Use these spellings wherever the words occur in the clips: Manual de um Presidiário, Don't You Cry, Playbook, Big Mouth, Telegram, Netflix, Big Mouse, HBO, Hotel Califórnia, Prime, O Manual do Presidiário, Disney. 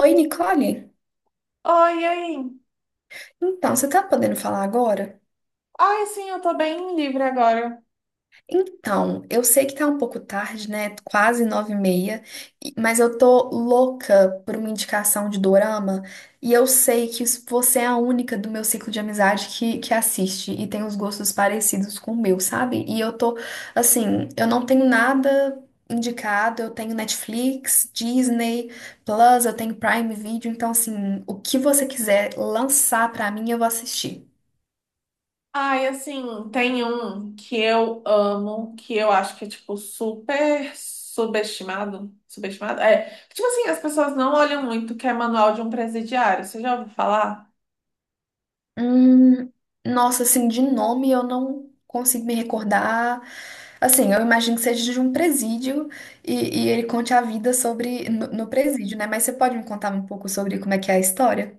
Oi, Nicole. Oi, e aí? Então, você tá podendo falar agora? Ai, sim, eu tô bem livre agora. Então, eu sei que tá um pouco tarde, né? Quase 9h30, mas eu tô louca por uma indicação de dorama e eu sei que você é a única do meu ciclo de amizade que assiste e tem os gostos parecidos com o meu, sabe? E assim, eu não tenho nada indicado. Eu tenho Netflix, Disney, Plus, eu tenho Prime Video, então, assim, o que você quiser lançar pra mim, eu vou assistir. Ai, assim, tem um que eu amo, que eu acho que é, tipo, super subestimado. Subestimado? É. Tipo assim, as pessoas não olham muito, que é Manual de um Presidiário. Você já ouviu falar? Hum, nossa, assim, de nome eu não consigo me recordar. Assim, eu imagino que seja de um presídio e ele conte a vida sobre no presídio, né? Mas você pode me contar um pouco sobre como é que é a história?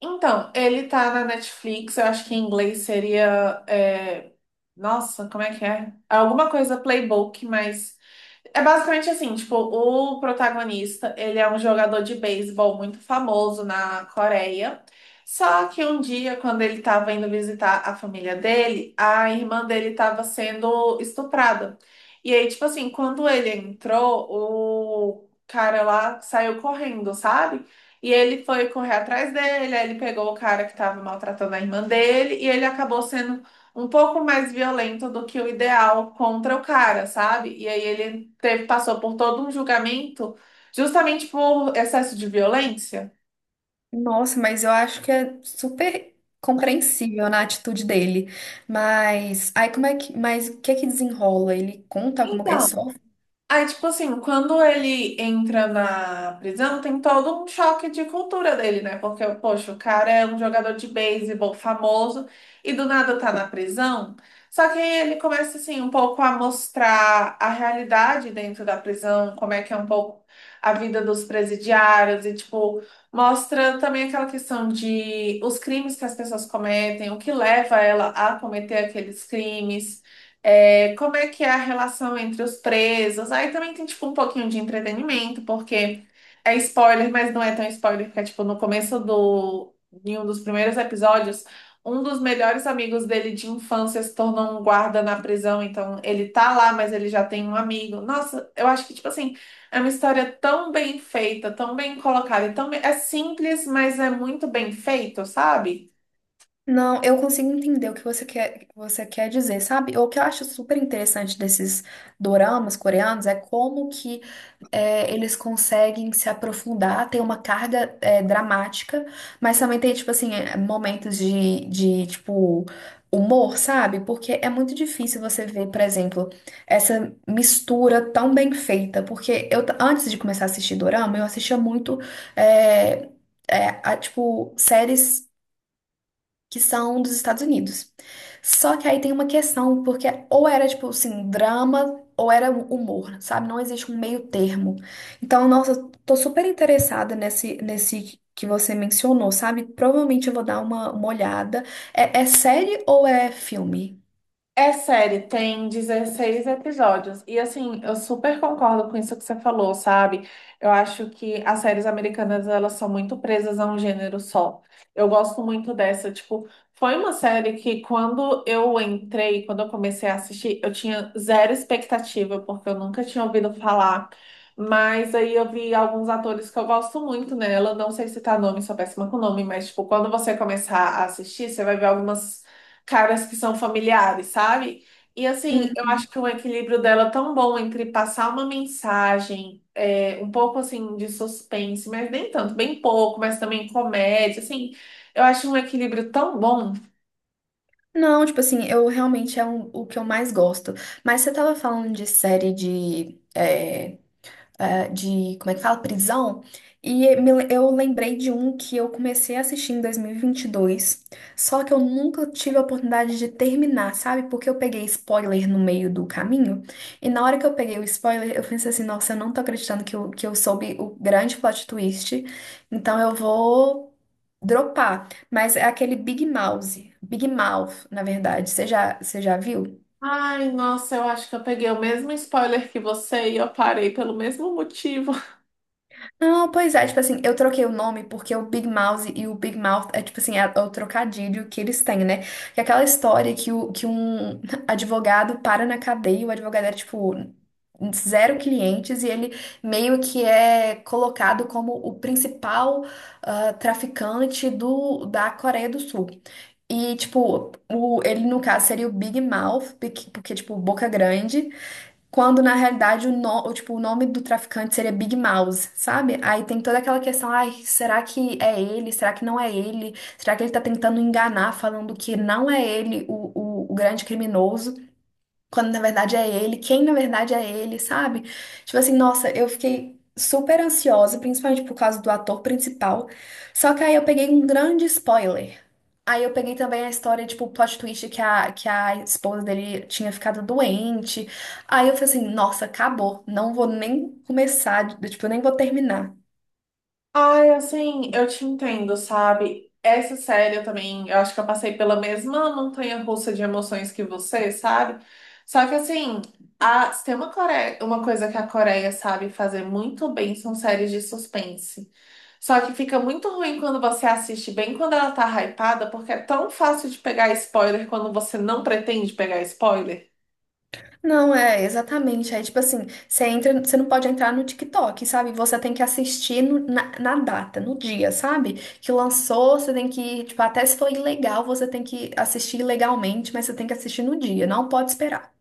Então, ele tá na Netflix, eu acho que em inglês seria. Nossa, como é que é? É alguma coisa Playbook, mas é basicamente assim, tipo, o protagonista, ele é um jogador de beisebol muito famoso na Coreia. Só que um dia, quando ele estava indo visitar a família dele, a irmã dele estava sendo estuprada. E aí, tipo assim, quando ele entrou, o cara lá saiu correndo, sabe? E ele foi correr atrás dele, aí ele pegou o cara que estava maltratando a irmã dele e ele acabou sendo um pouco mais violento do que o ideal contra o cara, sabe? E aí ele teve, passou por todo um julgamento justamente por excesso de violência. Nossa, mas eu acho que é super compreensível na atitude dele. Mas aí mas o que é que desenrola? Ele conta alguma, ele Então, só... aí, tipo assim, quando ele entra na prisão, tem todo um choque de cultura dele, né? Porque, poxa, o cara é um jogador de beisebol famoso e do nada tá na prisão. Só que aí ele começa, assim, um pouco a mostrar a realidade dentro da prisão, como é que é um pouco a vida dos presidiários e, tipo, mostra também aquela questão de os crimes que as pessoas cometem, o que leva ela a cometer aqueles crimes. É, como é que é a relação entre os presos? Aí também tem, tipo, um pouquinho de entretenimento, porque é spoiler, mas não é tão spoiler, porque, é, tipo, no começo do, em um dos primeiros episódios, um dos melhores amigos dele de infância se tornou um guarda na prisão, então ele tá lá, mas ele já tem um amigo. Nossa, eu acho que, tipo assim, é uma história tão bem feita, tão bem colocada, e tão é simples, mas é muito bem feito, sabe? Não, eu consigo entender o que você quer dizer, sabe? O que eu acho super interessante desses doramas coreanos é como que eles conseguem se aprofundar, tem uma carga dramática, mas também tem, tipo assim, momentos tipo, humor, sabe? Porque é muito difícil você ver, por exemplo, essa mistura tão bem feita, porque antes de começar a assistir dorama, eu assistia muito, é, tipo, séries que são dos Estados Unidos. Só que aí tem uma questão, porque ou era tipo assim, drama ou era humor, sabe? Não existe um meio termo. Então, nossa, tô super interessada nesse que você mencionou, sabe? Provavelmente eu vou dar uma olhada. É série ou é filme? É série, tem 16 episódios. E assim, eu super concordo com isso que você falou, sabe? Eu acho que as séries americanas, elas são muito presas a um gênero só. Eu gosto muito dessa, tipo, foi uma série que quando eu entrei, quando eu comecei a assistir, eu tinha zero expectativa, porque eu nunca tinha ouvido falar. Mas aí eu vi alguns atores que eu gosto muito nela. Não sei citar nome, sou péssima com nome, mas tipo, quando você começar a assistir, você vai ver algumas caras que são familiares, sabe? E assim, eu Hum. acho que o equilíbrio dela é tão bom entre passar uma mensagem, um pouco assim de suspense, mas nem tanto, bem pouco, mas também comédia, assim, eu acho um equilíbrio tão bom. Não, tipo assim, eu realmente o que eu mais gosto. Mas você tava falando de série de, como é que fala? Prisão. E eu lembrei de um que eu comecei a assistir em 2022, só que eu nunca tive a oportunidade de terminar, sabe? Porque eu peguei spoiler no meio do caminho, e na hora que eu peguei o spoiler, eu pensei assim, nossa, eu não tô acreditando que eu soube o grande plot twist, então eu vou dropar. Mas é aquele Big Mouse, Big Mouth, na verdade. Você já viu? Ai, nossa, eu acho que eu peguei o mesmo spoiler que você e eu parei pelo mesmo motivo. Não, pois é, tipo assim, eu troquei o nome porque o Big Mouse e o Big Mouth é tipo assim, é o trocadilho que eles têm, né? Que é aquela história que um advogado para na cadeia, e o advogado era tipo zero clientes e ele meio que é colocado como o principal ah, traficante da Coreia do Sul. E, tipo, o, ele no caso seria o Big Mouth, porque, tipo, boca grande. Quando na realidade o, no- o, tipo, o nome do traficante seria Big Mouse, sabe? Aí tem toda aquela questão, ai, será que é ele? Será que não é ele? Será que ele tá tentando enganar, falando que não é ele o grande criminoso? Quando na verdade é ele, quem na verdade é ele, sabe? Tipo assim, nossa, eu fiquei super ansiosa, principalmente por causa do ator principal. Só que aí eu peguei um grande spoiler. Aí eu peguei também a história, tipo, o plot twist que a esposa dele tinha ficado doente. Aí eu falei assim, nossa, acabou. Não vou nem começar, tipo, eu nem vou terminar. Ai, assim, eu te entendo, sabe? Essa série eu também, eu acho que eu passei pela mesma montanha-russa de emoções que você, sabe? Só que assim, a, se tem uma, Core- uma coisa que a Coreia sabe fazer muito bem, são séries de suspense. Só que fica muito ruim quando você assiste bem quando ela tá hypada, porque é tão fácil de pegar spoiler quando você não pretende pegar spoiler. Não, é, exatamente. Aí, tipo assim, você entra, você não pode entrar no TikTok, sabe? Você tem que assistir na data, no dia, sabe? Que lançou, você tem que, tipo, até se for ilegal, você tem que assistir ilegalmente, mas você tem que assistir no dia, não pode esperar.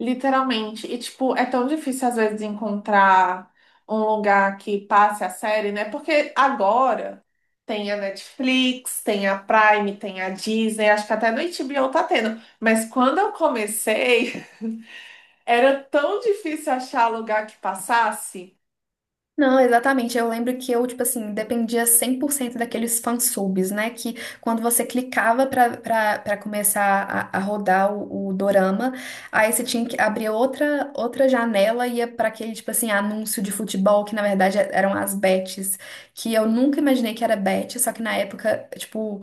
Literalmente. E, tipo, é tão difícil às vezes encontrar um lugar que passe a série, né? Porque agora tem a Netflix, tem a Prime, tem a Disney, acho que até no HBO tá tendo. Mas quando eu comecei, era tão difícil achar lugar que passasse. Não, exatamente. Eu lembro que eu, tipo assim, dependia 100% daqueles fansubs, né? Que quando você clicava pra começar a rodar o dorama, aí você tinha que abrir outra janela e ia pra aquele, tipo assim, anúncio de futebol, que na verdade eram as bets, que eu nunca imaginei que era bet, só que na época, tipo,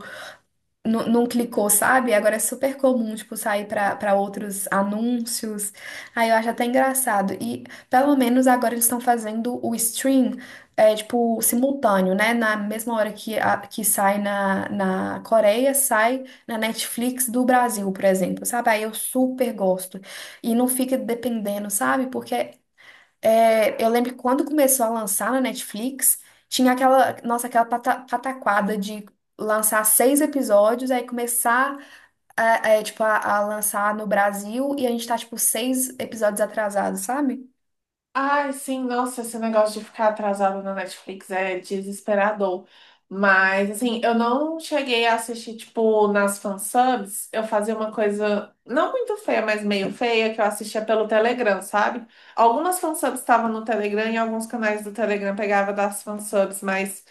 não clicou, sabe? Agora é super comum, tipo, sair para outros anúncios. Aí eu acho até engraçado. E pelo menos agora eles estão fazendo o stream, é, tipo, simultâneo, né? Na mesma hora que, que sai na Coreia, sai na Netflix do Brasil, por exemplo, sabe? Aí eu super gosto. E não fica dependendo, sabe? Porque eu lembro que quando começou a lançar na Netflix, tinha aquela, nossa, aquela pataquada de lançar seis episódios, aí começar a lançar no Brasil e a gente tá, tipo, 6 episódios atrasados, sabe? Ai, sim, nossa, esse negócio de ficar atrasado na Netflix é desesperador. Mas, assim, eu não cheguei a assistir, tipo, nas fansubs. Eu fazia uma coisa não muito feia, mas meio feia, que eu assistia pelo Telegram, sabe? Algumas fansubs estavam no Telegram e alguns canais do Telegram pegava das fansubs, mas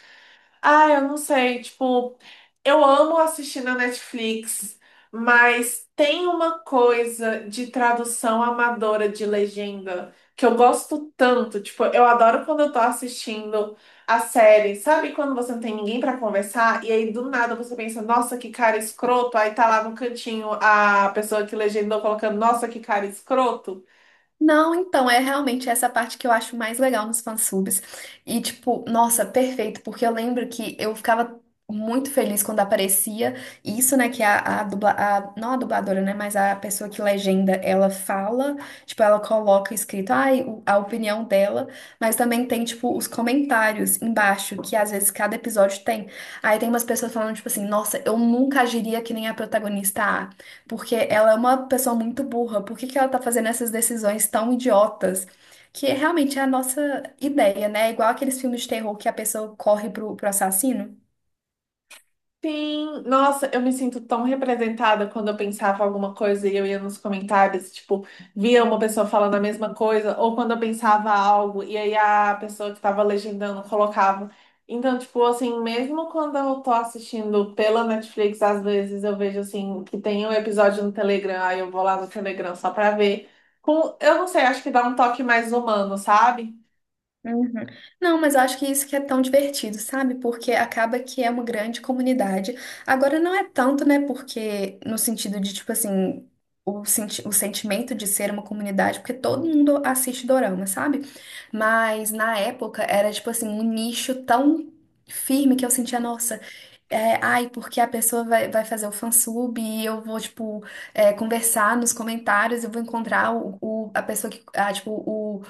ah, eu não sei, tipo, eu amo assistir na Netflix, mas tem uma coisa de tradução amadora de legenda que eu gosto tanto, tipo, eu adoro quando eu tô assistindo a série, sabe quando você não tem ninguém pra conversar e aí do nada você pensa, nossa, que cara escroto, aí tá lá no cantinho a pessoa que legendou colocando, nossa, que cara escroto. Não, então, é realmente essa parte que eu acho mais legal nos fansubs. E, tipo, nossa, perfeito, porque eu lembro que eu ficava muito feliz quando aparecia isso, né, que não a dubladora, né, mas a pessoa que legenda, ela fala, tipo, ela coloca escrito, ai, a opinião dela, mas também tem, tipo, os comentários embaixo, que às vezes cada episódio tem. Aí tem umas pessoas falando, tipo assim, nossa, eu nunca agiria que nem a protagonista A, porque ela é uma pessoa muito burra. Por que que ela tá fazendo essas decisões tão idiotas? Que é realmente é a nossa ideia, né? É igual aqueles filmes de terror que a pessoa corre pro assassino. Sim, nossa, eu me sinto tão representada quando eu pensava alguma coisa e eu ia nos comentários, tipo, via uma pessoa falando a mesma coisa, ou quando eu pensava algo e aí a pessoa que estava legendando colocava. Então, tipo, assim, mesmo quando eu tô assistindo pela Netflix, às vezes eu vejo, assim, que tem um episódio no Telegram, aí eu vou lá no Telegram só pra ver. Com, eu não sei, acho que dá um toque mais humano, sabe? Uhum. Não, mas eu acho que isso que é tão divertido, sabe? Porque acaba que é uma grande comunidade. Agora não é tanto, né? Porque no sentido de, tipo assim, senti o sentimento de ser uma comunidade, porque todo mundo assiste dorama, sabe? Mas na época era, tipo assim, um nicho tão firme que eu sentia, nossa, ai, porque a pessoa vai fazer o fansub e eu vou, tipo, conversar nos comentários, eu vou encontrar a pessoa que, ah, tipo, o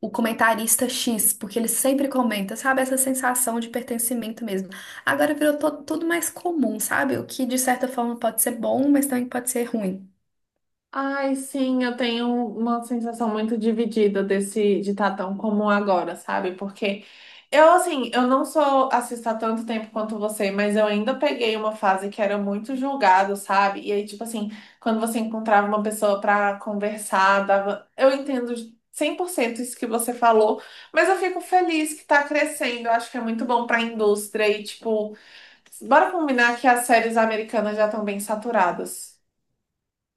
o comentarista X, porque ele sempre comenta, sabe? Essa sensação de pertencimento mesmo. Agora virou tudo mais comum, sabe? O que de certa forma pode ser bom, mas também pode ser ruim. Ai, sim, eu tenho uma sensação muito dividida desse de estar tão comum agora, sabe? Porque eu, assim, eu não sou assista há tanto tempo quanto você, mas eu ainda peguei uma fase que era muito julgado, sabe? E aí, tipo assim, quando você encontrava uma pessoa pra conversar, dava... Eu entendo 100% isso que você falou, mas eu fico feliz que tá crescendo. Eu acho que é muito bom pra indústria e, tipo, bora combinar que as séries americanas já estão bem saturadas.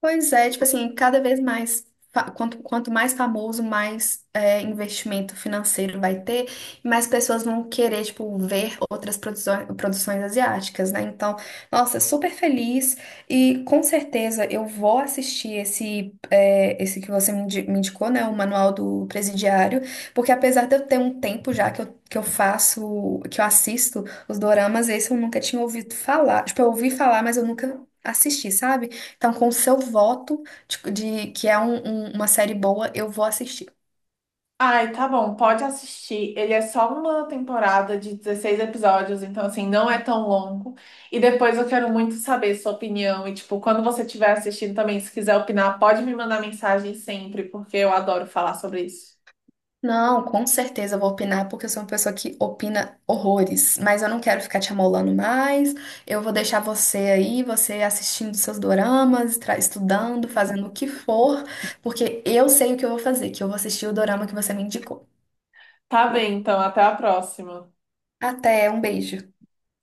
Pois é, tipo assim, cada vez mais, quanto mais famoso, mais investimento financeiro vai ter, e mais pessoas vão querer, tipo, ver outras produções, produções asiáticas, né? Então, nossa, super feliz e com certeza eu vou assistir esse que você me indicou, né? O Manual do Presidiário, porque apesar de eu ter um tempo já que que eu assisto os doramas, esse eu nunca tinha ouvido falar. Tipo, eu ouvi falar, mas eu nunca assisti, sabe? Então, com o seu voto de, de que é uma série boa, eu vou assistir. Ai, tá bom, pode assistir. Ele é só uma temporada de 16 episódios, então assim, não é tão longo. E depois eu quero muito saber sua opinião. E tipo, quando você estiver assistindo também, se quiser opinar, pode me mandar mensagem sempre, porque eu adoro falar sobre isso. Não, com certeza eu vou opinar, porque eu sou uma pessoa que opina horrores. Mas eu não quero ficar te amolando mais. Eu vou deixar você aí, você assistindo seus doramas, estudando, fazendo o que for, porque eu sei o que eu vou fazer, que eu vou assistir o dorama que você me indicou. Tá bem, então, até a próxima. Até, um beijo.